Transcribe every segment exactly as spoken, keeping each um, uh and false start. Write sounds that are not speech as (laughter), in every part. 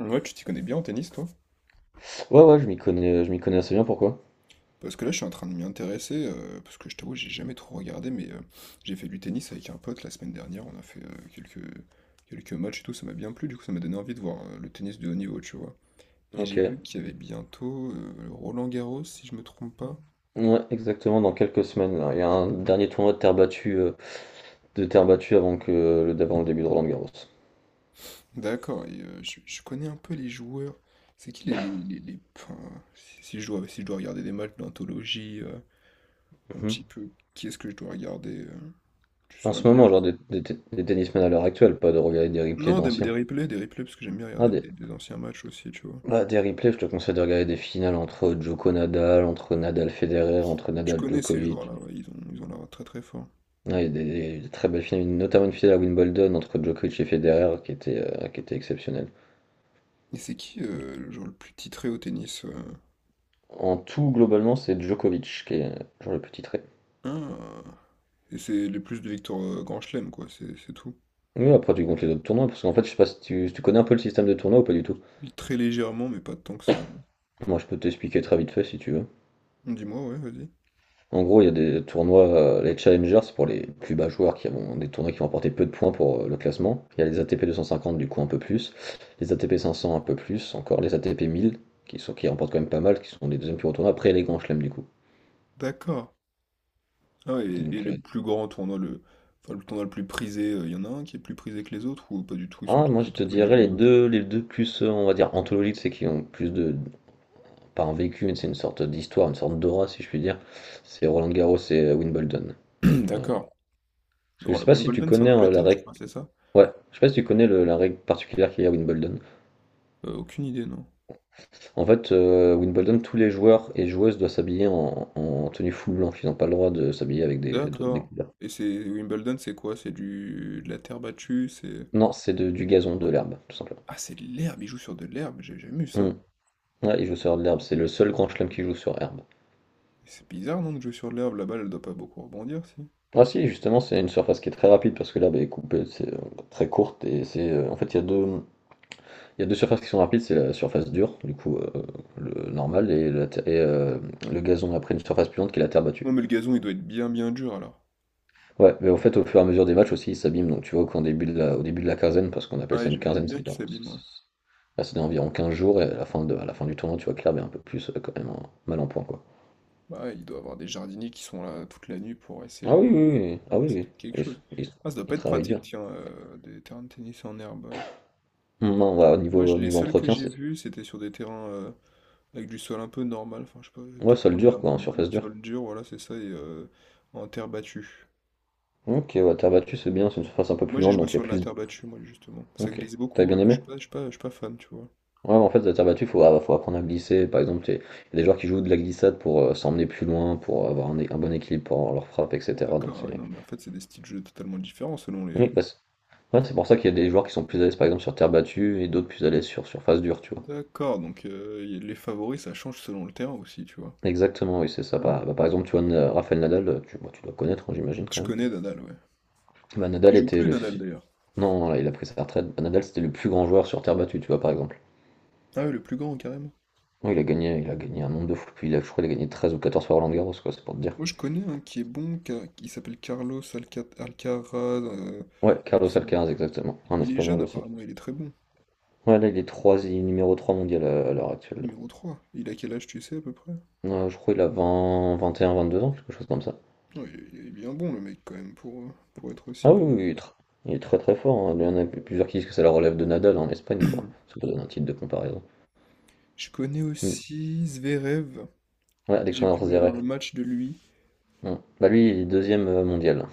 Ouais, tu t'y connais bien en tennis, toi? Ouais, ouais, je m'y connais, je m'y connais assez bien, pourquoi? Parce que là, je suis en train de m'y intéresser, euh, parce que je t'avoue, j'ai jamais trop regardé, mais euh, j'ai fait du tennis avec un pote la semaine dernière, on a fait euh, quelques, quelques matchs et tout, ça m'a bien plu, du coup, ça m'a donné envie de voir euh, le tennis de haut niveau, tu vois. Et j'ai Ok. vu qu'il y avait bientôt euh, Roland Garros, si je me trompe pas. Ouais, exactement, dans quelques semaines. Là. Il y a un dernier tournoi de terre battue, euh, de terre battue avant que, le, avant le début de Roland-Garros. D'accord, et euh, je, je connais un peu les joueurs. C'est qui les... les, les, les- enfin, si, si je dois, si je dois regarder des matchs d'anthologie, euh, un petit peu, qui est-ce que je dois regarder? Euh, tu En saurais. ce moment, genre des, des, des tennismen à l'heure actuelle, pas de regarder des replays Non, des, des d'anciens. replays, des replays, parce que j'aime bien Ah, regarder des, des, des anciens matchs aussi, tu vois. bah, des replays, je te conseille de regarder des finales entre Djoko Nadal, entre Nadal Federer, entre Je Nadal connais ces Djokovic. joueurs-là, ouais, ils ont, ils ont l'air très très forts. Ouais, il y a des, des des très belles finales, notamment une finale à Wimbledon entre Djokovic et Federer qui était, euh, qui était exceptionnelle. Et c'est qui euh, le joueur le plus titré au tennis? euh En tout, globalement, c'est Djokovic qui est euh, genre le petit titré. Ah, et c'est le plus de victoires euh, Grand Chelem, quoi, c'est c'est tout. Oui, après tu comptes les autres tournois, parce qu'en fait, je sais pas si tu, si tu connais un peu le système de tournoi ou pas du tout. Très légèrement, mais pas tant que ça, Moi, je peux t'expliquer très vite fait si tu veux. non. Dis-moi, ouais, vas-y. En gros, il y a des tournois, euh, les Challengers, c'est pour les plus bas joueurs qui ont des tournois qui vont apporter peu de points pour euh, le classement. Il y a les A T P deux cent cinquante, du coup, un peu plus. Les A T P cinq cents, un peu plus. Encore les A T P mille, qui sont, qui remportent quand même pas mal, qui sont les deuxièmes plus gros tournois. Après, les grands chelems, du coup. D'accord. Ah, ouais, et, et Donc, le euh, plus grand tournoi, le, enfin, le tournoi le plus prisé, euh, il y en a un qui est plus prisé que les autres, ou pas du tout, ils sont ah, Moi, tous je autant te prisés que dirais les les autres? deux, les deux plus, euh, on va dire, anthologiques, c'est qui ont plus de, pas un vécu, c'est une sorte d'histoire, une sorte d'aura, si je puis dire. C'est Roland Garros et euh, Wimbledon. Je, euh, (clears throat) parce D'accord. que Oh, je sais la pas si tu Wimbledon, c'est en connais euh, la Angleterre, je règle. crois, c'est ça? Ouais, je sais pas si tu connais le- la règle particulière qu'il y a à Wimbledon. Euh, aucune idée, non. En fait, euh, Wimbledon, tous les joueurs et joueuses doivent s'habiller en, en tenue full blanche. Ils n'ont pas le droit de s'habiller avec des, de- des D'accord. couleurs. Et c'est Wimbledon, c'est quoi? C'est du de la terre battue, c'est. Non, c'est de- du gazon, de l'herbe, tout simplement. Ah, c'est de l'herbe, il joue sur de l'herbe, j'ai jamais vu ça. Hmm. Ouais, ils jouent sur de l'herbe. C'est le seul grand chelem qui joue sur herbe. Mais c'est bizarre non de jouer sur de l'herbe, la balle elle doit pas beaucoup rebondir si. Ah si, justement, c'est une surface qui est très rapide parce que l'herbe est coupée, c'est euh, très courte et c'est euh, en fait il y a deux Il y a deux surfaces qui sont rapides, c'est la surface dure, du coup, euh, le normal, et, la ter- et, euh, le gazon après une surface plus lente qui est la terre battue. Non mais le gazon il doit être bien bien dur alors. Ouais, mais au fait, au fur et à mesure des matchs aussi, ils s'abîment. Donc tu vois qu'au début de la, au début de la quinzaine, parce qu'on appelle Ouais, ça une quinzaine, j'imagine bien c'est qu'il s'abîme, ouais. là, c'est environ quinze jours, et à la fin, de, à la fin du tournoi, tu vois que l'herbe est un peu plus euh, quand même en- mal en point, quoi. Bah ouais, il doit avoir des jardiniers qui sont là toute la nuit pour essayer Ah de. oui, oui, oui, Ah ah non, oui, c'est oui. peut-être quelque Ils, chose. ils- Ah, ça doit Ils pas être travaillent pratique dur. tiens euh, des terrains de tennis en herbe. Non, ouais, au Moi, niveau, je- au les niveau seuls que entretien, j'ai c'est. vus, c'était sur des terrains euh, avec du sol un peu normal, enfin je sais pas Ouais, tout sol comment dur, dire quoi, en normal. surface dure. Sol dur, voilà, c'est ça, et euh, en terre battue. Ok, ouais, terre battue, c'est bien, c'est une surface un peu Moi plus j'ai lente, joué donc il y a sur de la plus. terre battue, moi justement. Ça Ok. glisse T'as beaucoup, bien euh, je aimé? suis pas, je suis pas, je suis pas fan, tu vois. Ouais, en fait, la terre battue, faut, ah, faut apprendre à glisser. Par exemple, t'es- il y a des joueurs qui jouent de la glissade pour euh, s'emmener plus loin, pour avoir un, un bon équilibre pour leur frappe, Ah, et cætera. Donc d'accord, ouais, c'est non, mais en fait c'est des styles de jeu totalement différents selon Oui. les. bah, c'est ouais, c'est pour ça qu'il y a des joueurs qui sont plus à l'aise, par exemple, sur terre battue et d'autres plus à l'aise sur surface dure, tu vois. D'accord, donc euh, y- les favoris ça change selon le terrain aussi, tu vois. Exactement, oui, c'est ça. Ah. Par, bah, par exemple, tu vois, Na- Rafael Nadal, euh, tu, bah, tu dois connaître, hein, j'imagine Je quand même. connais Nadal, ouais. Bah, Il Nadal joue était plus le. Nadal Su- d'ailleurs. Non, là, il a pris sa retraite. Bah, Nadal, c'était le plus grand joueur sur terre battue, tu vois, par exemple. Ah ouais, le plus grand carrément. Oui, il a gagné, il a gagné un nombre de fois. Puis il a, je crois qu'il a gagné treize ou quatorze fois Roland Garros, quoi, c'est pour te dire. Moi je connais un qui est bon, qui a- qui s'appelle Carlos Alca- Alcaraz, euh, Ouais, il me Carlos semble. Alcaraz, exactement. Il Un il est espagnol jeune aussi. apparemment, il est très bon. Ouais, là, il est trois il est numéro trois mondial à à l'heure actuelle. Numéro trois. Il a quel âge, tu sais, à peu près? Euh, je crois qu'il a vingt, vingt et un, vingt deux ans, quelque chose comme ça. Ouais, il est il est bien bon, le mec, quand même, pour, euh, pour être Ah aussi oui, bon. oui, oui, il est tr- il est très très fort, hein. Il y en a plusieurs qui disent que ça le relève de Nadal en Espagne, quoi. Ça peut donner un titre de comparaison. (clears throat) Je connais Mm. aussi Zverev. Ouais, J'ai Alexandre vu un Zverev. match de lui. Mm. Bah lui, il est deuxième euh, mondial.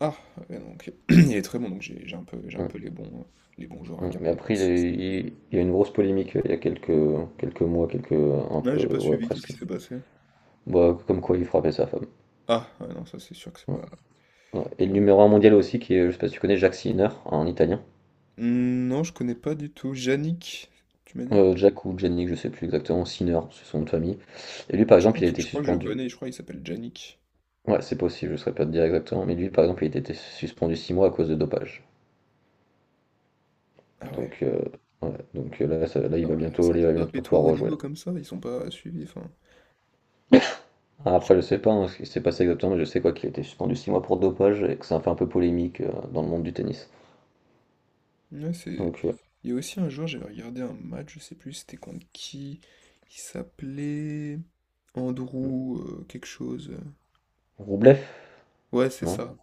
Ah, ouais, non, ok. (clears throat) Il est très bon, donc j'ai j'ai un peu, j'ai un Mm. peu les bons, euh, les bons joueurs à Mm. Mais garder après, il, aussi. est- il- il y a eu une grosse polémique euh, il y a quelques, quelques mois, quelques, un Ah, peu, j'ai pas ouais, suivi, qu'est-ce qui presque. s'est passé? Bah, comme quoi il frappait sa femme. Ah, ouais, non, ça c'est sûr que c'est Mm. pas. Ouais. Et le Ah. numéro un mondial aussi, qui est, je sais pas si tu connais, Jacques Sinner, un italien. Hmm, non, je connais pas du tout. Yannick, tu m'as dit? Heu, Jack ou Jenny, je sais plus exactement, Sinner, c'est son nom de famille. Et lui, Ah, par Je exemple, crois il que, a été je crois que je le suspendu connais, je crois qu'il s'appelle Yannick. ouais, c'est possible, je saurais pas te dire exactement, mais lui, par exemple, il a été suspendu six mois à cause de dopage. Ah ouais. Donc, heu, ouais, donc heu, là, ça Mais là, il non, va ouais, bientôt ça il se va dope bientôt et toi pouvoir au rejouer niveau là. comme ça, ils sont pas suivis, enfin. Ah, après, je sais pas, hein, ce qui s'est passé exactement, mais je sais quoi qu'il a été suspendu six mois pour dopage et que ça a fait un peu polémique, heu, dans le monde du tennis. Ouais, c'est. Donc, heu, Il y a aussi un jour, j'avais regardé un match, je sais plus c'était contre qui. Il s'appelait Andrew euh, quelque chose. Roublev? Ouais, c'est Non? ça.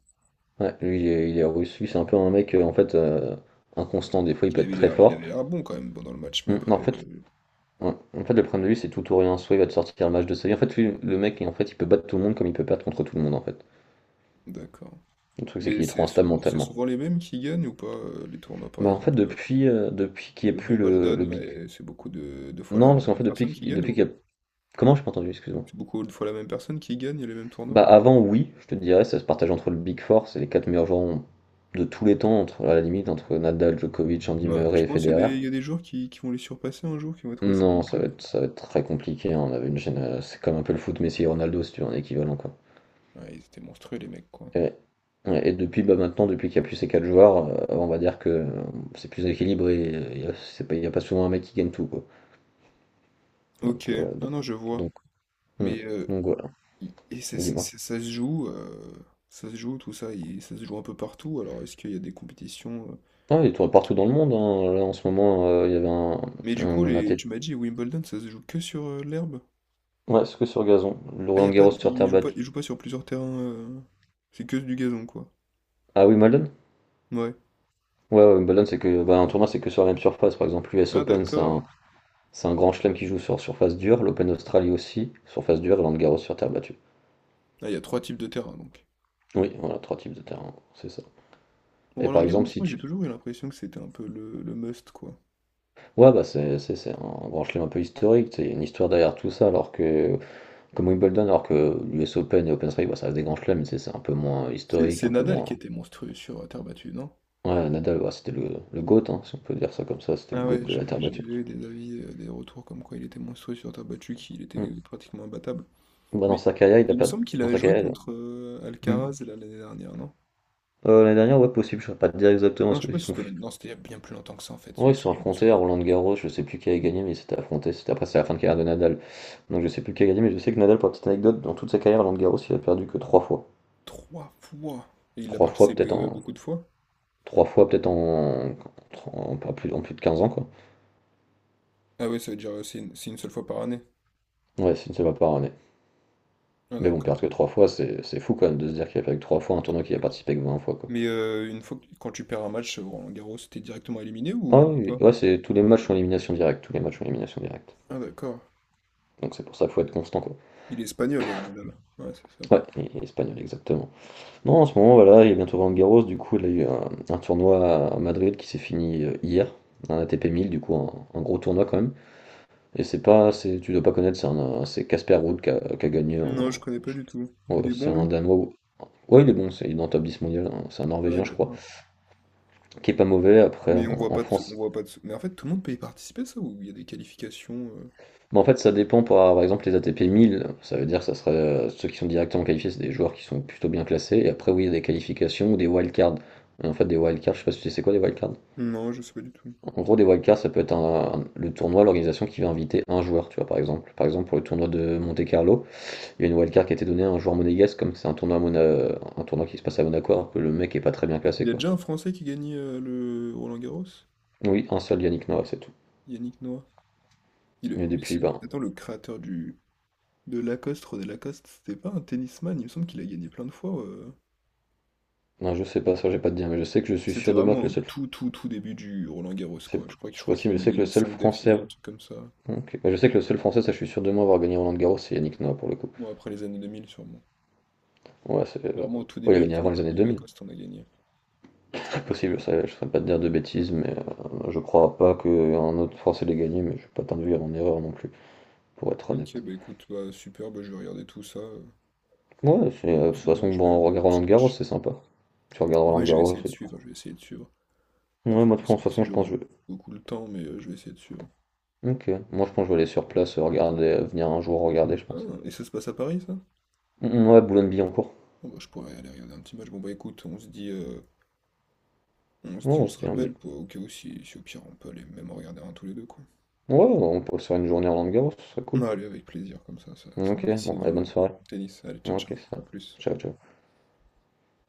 Ouais, lui, il est il est russe, lui, c'est un peu un mec, heu, en fait, heu, inconstant. Des fois, il Il peut être avait très l'air, il fort. avait l'air bon quand même pendant le match, mais Mmh, en après, fait euh, Ouais. En fait, le problème de lui, c'est tout ou rien. Soit il va te sortir le match de sa vie. En fait, lui, le mec, en fait, il peut battre tout le monde comme il peut perdre contre tout le monde, en fait. d'accord. Le truc, c'est Mais qu'il est trop c'est instable souvent, c'est mentalement. souvent les mêmes qui gagnent ou pas euh, les tournois par Bah, en fait, exemple. Euh, depuis, euh, depuis qu'il n'y a Le plus le, le Wimbledon, là, Big. et c'est beaucoup de, de fois la, Non, parce la qu'en même fait, depuis, personne qui qu'il- gagne depuis qu'il y ou a. Comment je pas entendu, excuse-moi. c'est beaucoup de fois la même personne qui gagne les mêmes tournois? Bah, avant, oui, je te dirais, ça se partage entre le Big Four, c'est les quatre meilleurs joueurs de tous les temps, entre, à la limite, entre Nadal, Djokovic, Andy Ouais, tu Murray et penses qu'il y a Federer. des, il y a des joueurs qui, qui vont les surpasser un jour, qui vont être aussi bons Non, ça va qu'eux? être, ça va être très compliqué, hein. On avait une gêne- C'est comme un peu le foot Messi et Ronaldo, si tu veux, en équivalent, quoi. Ouais, ils étaient monstrueux les mecs quoi. Et, ouais, et depuis, bah maintenant, depuis qu'il n'y a plus ces quatre joueurs, euh, on va dire que euh, c'est plus équilibré. Il n'y a, c'est pas- il y a pas souvent un mec qui gagne tout, quoi. Ok, Donc, euh, non, donc, non, je vois. donc, hmm, Mais euh, donc voilà, i- et c'est- dis-moi. c'est- ça se joue, euh, ça se joue tout ça, il- ça se joue un peu partout. Alors est-ce qu'il y a des compétitions? euh Ah, il tourne partout dans le monde, hein. Là, en ce moment, euh, il y avait un, Mais du coup, un les, A T P. tu m'as dit Wimbledon, ça se joue que sur euh, l'herbe? Ouais, c'est que sur gazon. Le Ah, y Roland a pas, Garros de- sur il terre joue pas, battue. il joue pas sur plusieurs terrains. euh, C'est que du gazon, quoi. Ah, Wimbledon? Ouais. Ouais, ouais, Wimbledon, c'est que bah, un tournoi, c'est que sur la même surface. Par exemple, l'U S Ah Open, c'est un, d'accord. c'est un grand chelem qui joue sur surface dure. L'Open d'Australie aussi, surface dure. Et Roland Garros sur terre battue. Ah, il y a trois types de terrains donc. Oui, voilà, trois types de terrain, c'est ça. Et par exemple, Roland-Garros, si moi tu j'ai toujours eu l'impression que c'était un peu le, le must, quoi. Ouais, bah c'est c'est- c'est un grand chelem un peu historique, tu sais, il y a une histoire derrière tout ça, alors que, comme Wimbledon, alors que l'U S Open et Open Strike, bah, ça reste des grands chelems, mais tu sais, c'est un peu moins C'est historique, c'est un peu Nadal qui moins. était monstrueux sur euh, terre battue, non? Ouais, Nadal, ouais, c'était le, le GOAT, hein, si on peut dire ça comme ça, c'était le Ah GOAT ouais, de la j'ai terre j'ai battue. eu des avis, euh, des retours comme quoi il était monstrueux sur terre battue, qu'il était Mm. pratiquement imbattable. Bah, dans Mais sa carrière, il a il me pas. semble qu'il Dans avait sa joué carrière, il contre euh, a- Mm. Alcaraz là, l'année dernière, non? Euh, l'année dernière, ouais, possible, je ne pas te dire Ah exactement non, ce je sais pas qu'ils si sont. c'était l'année- non, c'était il y a bien plus longtemps que ça en fait, c'est Ouais, ils se juste sont que je me affrontés à souviens. Roland Garros, je sais plus qui a gagné, mais ils s'étaient affrontés, c'était après, c'est la fin de carrière de Nadal. Donc je sais plus qui a gagné, mais je sais que Nadal, pour la petite anecdote, dans toute sa carrière, Roland Garros, il a perdu que trois fois. Trois fois! Et il l'a Trois fois, participé peut-être euh, en, beaucoup de fois? trois fois peut-être en, en, en plus, en plus de quinze ans, quoi. Ah ouais, ça veut dire euh, c'est une, c'est une seule fois par année. Ouais, c'est une seule fois par année. Ah Mais bon, perdre d'accord. que trois fois, c'est c'est fou quand même de se dire qu'il a perdu que trois fois un tournoi qu'il a Que trop. participé que vingt fois, quoi. Mais euh, une fois que, quand tu perds un match, euh, Roland Garros, t'es directement éliminé Ah ou oui, oui. pas? ouais, c'est tous les matchs sont élimination directe, tous les matchs sont élimination directe. Ah d'accord. Donc c'est pour ça qu'il faut être constant, quoi. Il est espagnol, euh, Nadal. Ouais, c'est ça. Ouais, il est espagnol, exactement. Non, en ce moment, voilà, il est bientôt Roland Garros, du coup, il a eu un, un tournoi à Madrid qui s'est fini euh, hier, un A T P mille, du coup, un, un gros tournoi quand même. Et c'est pas, c'est, Tu dois pas connaître, c'est un, un- c'est Casper Ruud qui a, qui a gagné, en- Non, je connais pas du tout. ouais, Il est c'est bon un lui? Danois. Ouais, il est bon, c'est- il est dans le top dix mondial, hein. C'est un Ouais, Norvégien, je crois, d'accord. qui est pas mauvais. Après, Mais on en, voit en pas de sous, on France. voit pas de sous. Mais en fait, tout le monde peut y participer, à ça, ou il y a des qualifications euh Mais en fait, ça dépend par, par exemple les A T P mille, ça veut dire que ça serait euh, ceux qui sont directement qualifiés, c'est des joueurs qui sont plutôt bien classés. Et après, oui, il y a des qualifications ou des wildcards. Et En fait, des wildcards, je sais pas si tu sais c'est quoi des wildcards. non, je sais pas du tout. En gros, des wildcards, ça peut être un, un- le tournoi, l'organisation qui va inviter un joueur, tu vois, par exemple. Par exemple, pour le tournoi de Monte-Carlo, il y a une wildcard qui a été donnée à un joueur monégasque, comme c'est un tournoi, à Mona- un tournoi qui se passe à Monaco, alors que le mec est pas très bien Il classé, y a quoi. déjà un Français qui gagne euh, le Roland-Garros? Oui, un seul Yannick Noah, c'est tout. Yannick Noah. Il est- Mais mais depuis, c'est- ben, Attends, le créateur du... de Lacoste, René Lacoste, c'était pas un tennisman, il me semble qu'il a gagné plein de fois. euh. Non, je sais pas, ça, j'ai pas de dire, mais je sais que je suis C'était sûr de moi vraiment que le au seul. tout, tout, tout début du Roland-Garros, quoi. C'est Je crois, que- je c'est crois qu'il possible, en je a sais que le gagné seul cinq français. d'affilée, un truc comme ça. Ok. Bah, je sais que le seul français, ça, je suis sûr de moi avoir gagné Roland Garros, c'est Yannick Noah pour le coup. Bon, après les années deux mille sûrement. Ouais, c'est. Mais Euh, vraiment au tout Ouais, il a début, il me gagné avant semble les que années René deux mille. Lacoste en a gagné. C'est possible, ça, je ne saurais pas te dire de bêtises, mais euh, je crois pas qu'un autre français l'ait gagné, mais je suis pas t'induire en erreur non plus, pour être Ok, honnête. bah écoute, bah super, bah je vais regarder tout ça. Euh, Ouais, c'est, euh, de toute Tranquillement, façon, je bon, vais on regarder des regarde petits Roland Garros, matchs. c'est sympa. Tu regardes Roland Oui, je vais Garros essayer de et tu. suivre, je vais essayer de suivre. Ouais, Après, moi, de je toute sais pas façon, si je j'aurai pense que beaucoup le temps, mais euh, je vais essayer de suivre. je. Ok. Moi, je pense que je vais aller sur place, euh, regarder, euh, venir un jour regarder, je pense. Ah, et ça se passe à Paris, ça? Mm, ouais, Boulogne-Billancourt. Bon, bah, je pourrais aller regarder un petit match. Bon, bah écoute, on se dit, euh, on se dit, Non, on se c'était un bien. rappelle, pour, au cas où, si, si au pire, on peut aller même en regarder un tous les deux, quoi. Ouais, on pourrait se faire une journée à Roland-Garros, ce serait cool. Ah, allez, avec plaisir, comme ça, ça, ça, me Ok, dit ici bon, dans allez, le bonne soirée. tennis. Allez, ciao, Ok, ciao, ça. à plus. Ciao, ciao.